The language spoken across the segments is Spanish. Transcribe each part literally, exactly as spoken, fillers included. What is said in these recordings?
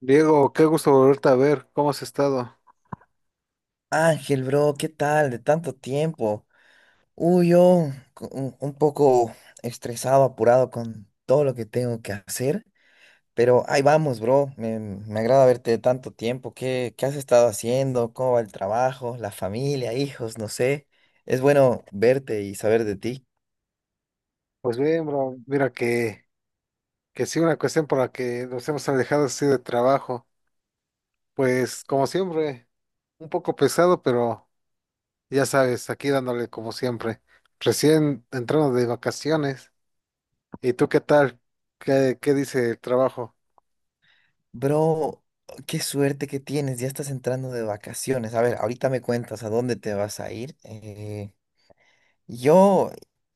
Diego, qué gusto volverte a ver, ¿cómo has estado? Ángel, bro, ¿qué tal? De tanto tiempo. Uy, yo co- un, un poco estresado, apurado con todo lo que tengo que hacer, pero ahí vamos, bro. Me, me agrada verte de tanto tiempo. ¿Qué, qué has estado haciendo? ¿Cómo va el trabajo? ¿La familia? ¿Hijos? No sé. Es bueno verte y saber de ti. Pues bien, bro, mira que, que sí, una cuestión por la que nos hemos alejado así de trabajo, pues como siempre, un poco pesado, pero ya sabes, aquí dándole como siempre, recién entrando de vacaciones, ¿y tú qué tal? ¿Qué, qué dice el trabajo? Bro, qué suerte que tienes. Ya estás entrando de vacaciones. A ver, ahorita me cuentas a dónde te vas a ir. eh, Yo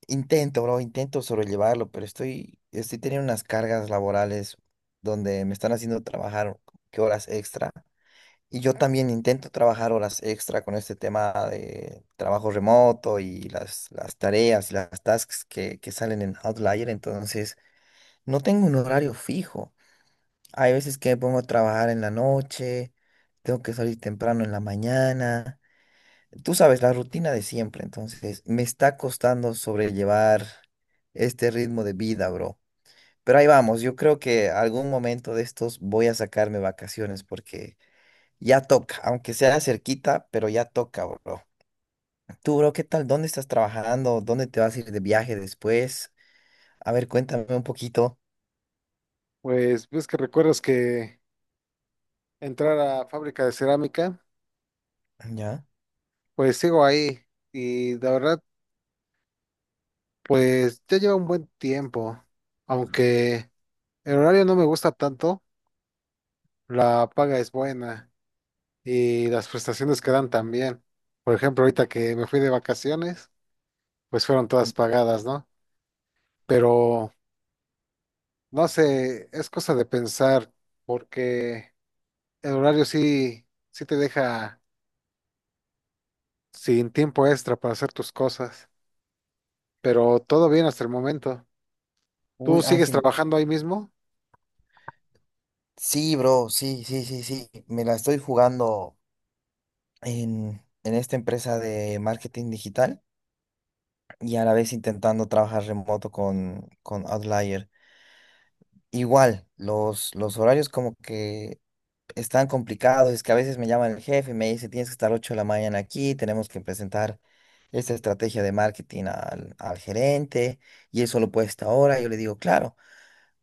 intento, bro, intento sobrellevarlo, pero estoy, estoy teniendo unas cargas laborales donde me están haciendo trabajar que horas extra. Y yo también intento trabajar horas extra con este tema de trabajo remoto y las, las tareas, las tasks que, que salen en Outlier. Entonces, no tengo un horario fijo. Hay veces que me pongo a trabajar en la noche, tengo que salir temprano en la mañana. Tú sabes, la rutina de siempre, entonces me está costando sobrellevar este ritmo de vida, bro. Pero ahí vamos, yo creo que algún momento de estos voy a sacarme vacaciones porque ya toca, aunque sea cerquita, pero ya toca, bro. Tú, bro, ¿qué tal? ¿Dónde estás trabajando? ¿Dónde te vas a ir de viaje después? A ver, cuéntame un poquito. Pues ves que recuerdas que entrar a fábrica de cerámica, ¿Ya? pues sigo ahí, y la verdad, pues ya lleva un buen tiempo, aunque... el horario no me gusta tanto, la paga es buena y las prestaciones que dan también. Por ejemplo, ahorita que me fui de vacaciones, pues fueron todas pagadas, ¿no? Pero no sé, es cosa de pensar porque el horario sí, sí te deja sin tiempo extra para hacer tus cosas, pero todo bien hasta el momento. ¿Tú Uy, sigues Ángel, trabajando ahí mismo? sí, bro, sí, sí, sí, sí. Me la estoy jugando en, en esta empresa de marketing digital, y a la vez intentando trabajar remoto con, con Outlier. Igual, los, los horarios como que están complicados, es que a veces me llama el jefe y me dice, tienes que estar ocho de la mañana aquí, tenemos que presentar esta estrategia de marketing al, al gerente y eso lo puede esta hora. Yo le digo, claro,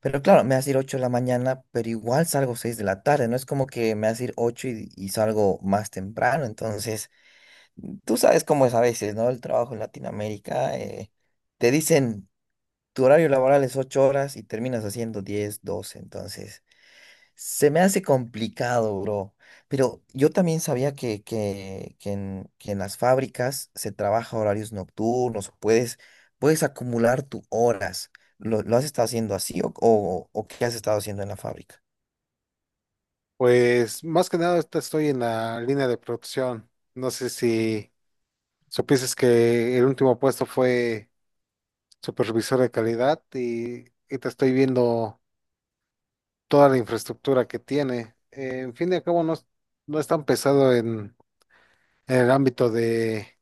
pero claro, me hace ir ocho de la mañana, pero igual salgo seis de la tarde, no es como que me hace ir ocho y, y salgo más temprano. Entonces, tú sabes cómo es a veces, ¿no? El trabajo en Latinoamérica. Eh, te dicen tu horario laboral es ocho horas y terminas haciendo diez, doce. Entonces se me hace complicado, bro. Pero yo también sabía que, que, que en, que en las fábricas se trabaja horarios nocturnos, puedes, puedes acumular tus horas. ¿Lo, lo has estado haciendo así o, o, o qué has estado haciendo en la fábrica? Pues más que nada ahorita estoy en la línea de producción. No sé si supieses que el último puesto fue supervisor de calidad y, y te estoy viendo toda la infraestructura que tiene. Eh, en fin y al cabo, no, es- no es tan pesado en, en el ámbito de,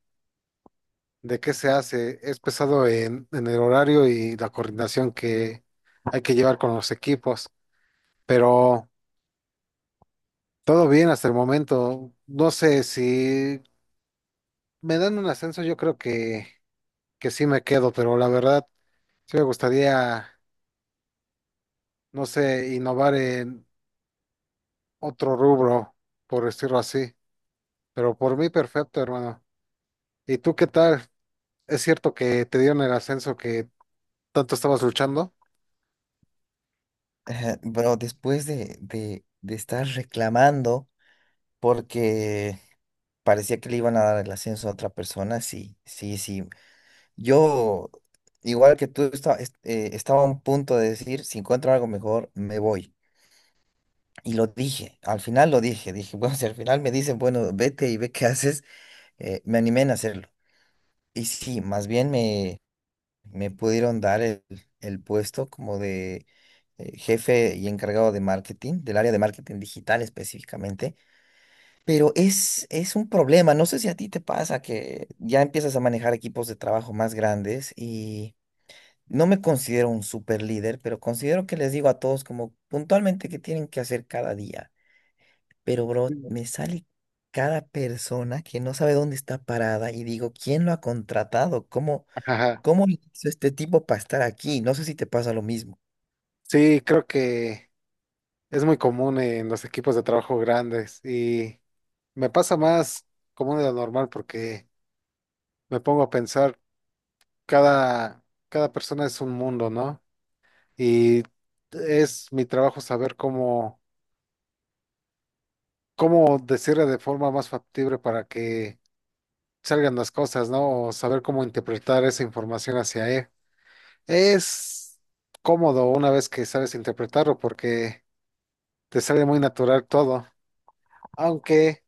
de qué se hace, es pesado en, en el horario y la coordinación que hay que llevar con los equipos, pero todo bien hasta el momento. No sé si me dan un ascenso, yo creo que, que sí me quedo, pero la verdad, sí me gustaría, no sé, innovar en otro rubro, por decirlo así. Pero por mí perfecto, hermano. ¿Y tú qué tal? ¿Es cierto que te dieron el ascenso que tanto estabas luchando? Ajá, bro, después de, de, de estar reclamando porque parecía que le iban a dar el ascenso a otra persona, sí, sí, sí. Yo, igual que tú, esta- est- eh, estaba a un punto de decir, si encuentro algo mejor, me voy. Y lo dije, al final lo dije, dije, bueno, si al final me dicen, bueno, vete y ve qué haces, eh, me animé en hacerlo. Y sí, más bien me, me pudieron dar el, el puesto como de eh, jefe y encargado de marketing, del área de marketing digital específicamente. Pero es, es un problema, no sé si a ti te pasa que ya empiezas a manejar equipos de trabajo más grandes. No me considero un super líder, pero considero que les digo a todos como puntualmente qué tienen que hacer cada día. Pero, Sí, bro, me sale cada persona que no sabe dónde está parada y digo, ¿quién lo ha contratado? ¿Cómo, ajá. cómo le hizo este tipo para estar aquí? No sé si te pasa lo mismo. Sí, creo que es muy común en los equipos de trabajo grandes y me pasa más común de lo normal porque me pongo a pensar, cada, cada persona es un mundo, ¿no? Y es mi trabajo saber cómo, cómo decirle de forma más factible para que salgan las cosas, ¿no? O saber cómo interpretar esa información hacia él. Es cómodo una vez que sabes interpretarlo porque te sale muy natural todo, aunque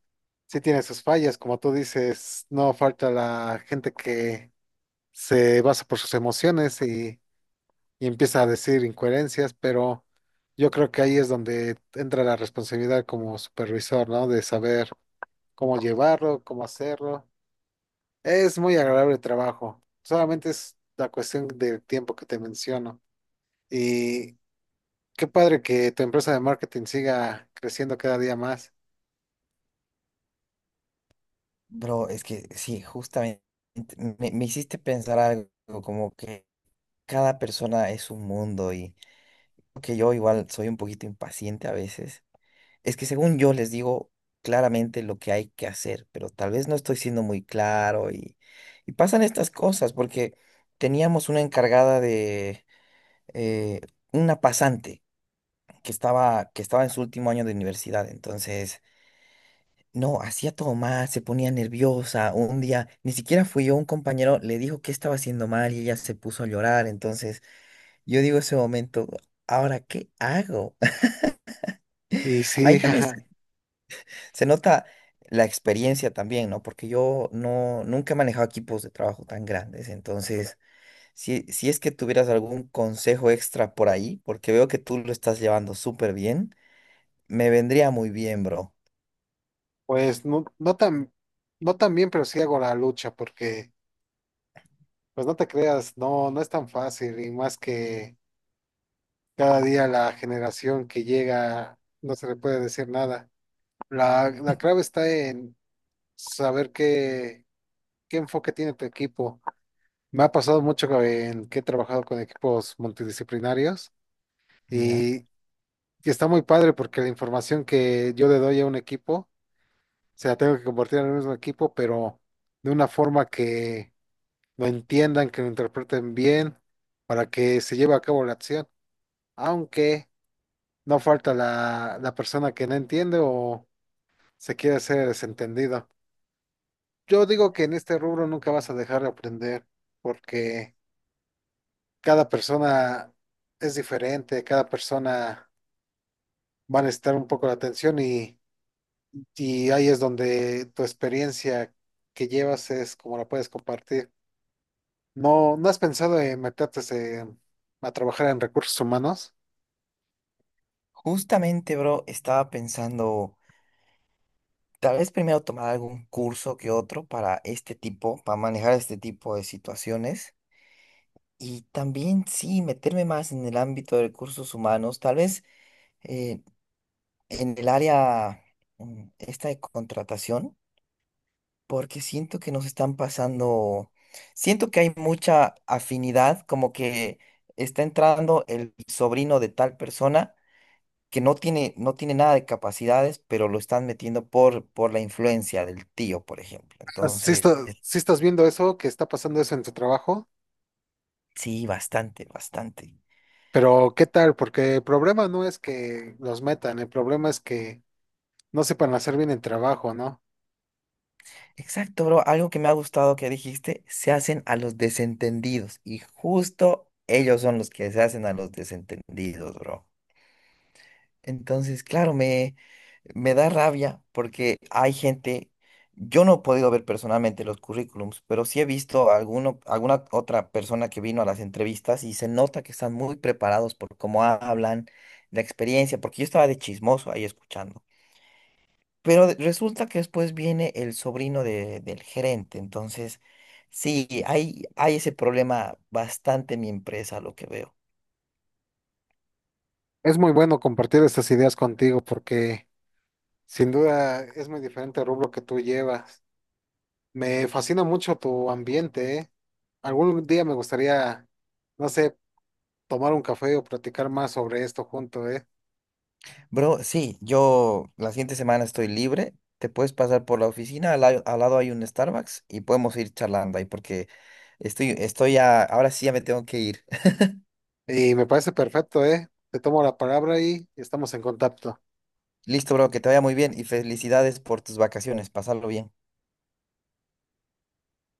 sí tiene sus fallas, como tú dices, no falta la gente que se basa por sus emociones y, y empieza a decir incoherencias, pero yo creo que ahí es donde entra la responsabilidad como supervisor, ¿no? De saber cómo llevarlo, cómo hacerlo. Es muy agradable el trabajo, solamente es la cuestión del tiempo que te menciono. Y qué padre que tu empresa de marketing siga creciendo cada día más. Bro, es que sí, justamente me, me hiciste pensar algo como que cada persona es un mundo y que yo igual soy un poquito impaciente a veces. Es que según yo les digo claramente lo que hay que hacer, pero tal vez no estoy siendo muy claro y, y pasan estas cosas porque teníamos una encargada de eh, una pasante que estaba, que estaba en su último año de universidad, entonces no, hacía todo mal, se ponía nerviosa, un día ni siquiera fui yo, un compañero le dijo que estaba haciendo mal y ella se puso a llorar, entonces yo digo ese momento, ¿ahora qué hago? Y sí, Ahí también ajá, se nota la experiencia también, ¿no? Porque yo no, nunca he manejado equipos de trabajo tan grandes. Entonces, si, si es que tuvieras algún consejo extra por ahí, porque veo que tú lo estás llevando súper bien, me vendría muy bien, bro. pues no, no tan, no tan bien, pero sí hago la lucha porque, pues no te creas, no, no es tan fácil y más que cada día la generación que llega no se le puede decir nada. La, la clave está en saber qué, qué enfoque tiene tu equipo. Me ha pasado mucho en que he trabajado con equipos multidisciplinarios Ya. y y está muy padre porque la información que yo le doy a un equipo se sea, tengo que compartir en el mismo equipo, pero de una forma que lo entiendan, que lo interpreten bien, para que se lleve a cabo la acción. Aunque no falta la, la persona que no entiende o se quiere hacer desentendido. Yo digo que en este rubro nunca vas a dejar de aprender, porque cada persona es diferente, cada persona va a necesitar un poco la atención y, y ahí es donde tu experiencia que llevas es como la puedes compartir. No, ¿no has pensado en meterte eh, a trabajar en recursos humanos? Justamente, bro, estaba pensando, tal vez primero tomar algún curso que otro para este tipo, para manejar este tipo de situaciones. Y también, sí, meterme más en el ámbito de recursos humanos, tal vez. eh, en el área mm, esta de contratación, porque siento que nos están pasando, siento que hay mucha afinidad, como que está entrando el sobrino de tal persona que no tiene, no tiene nada de capacidades, pero lo están metiendo por, por la influencia del tío, por ejemplo. Si Entonces, estás, sí estás viendo eso, que está pasando eso en tu trabajo, sí, bastante, bastante. pero ¿qué tal? Porque el problema no es que los metan, el problema es que no sepan hacer bien el trabajo, ¿no? Exacto, bro. Algo que me ha gustado que dijiste, se hacen a los desentendidos y justo ellos son los que se hacen a los desentendidos, bro. Entonces, claro, me, me da rabia porque hay gente, yo no he podido ver personalmente los currículums, pero sí he visto alguno, alguna otra persona que vino a las entrevistas y se nota que están muy preparados por cómo hablan, la experiencia, porque yo estaba de chismoso ahí escuchando. Pero de- resulta que después viene el sobrino de- del gerente, entonces sí, hay, hay ese problema bastante en mi empresa, lo que veo. Es muy bueno compartir estas ideas contigo porque sin duda es muy diferente el rubro que tú llevas. Me fascina mucho tu ambiente, ¿eh? Algún día me gustaría, no sé, tomar un café o platicar más sobre esto juntos. Bro, sí, yo la siguiente semana estoy libre. Te puedes pasar por la oficina, al, la- al lado hay un Starbucks y podemos ir charlando ahí porque estoy, estoy ya, ahora sí ya me tengo que ir. Y me parece perfecto, ¿eh? Te tomo la palabra y estamos en contacto. Listo, bro, que te vaya muy bien y felicidades por tus vacaciones. Pasarlo bien.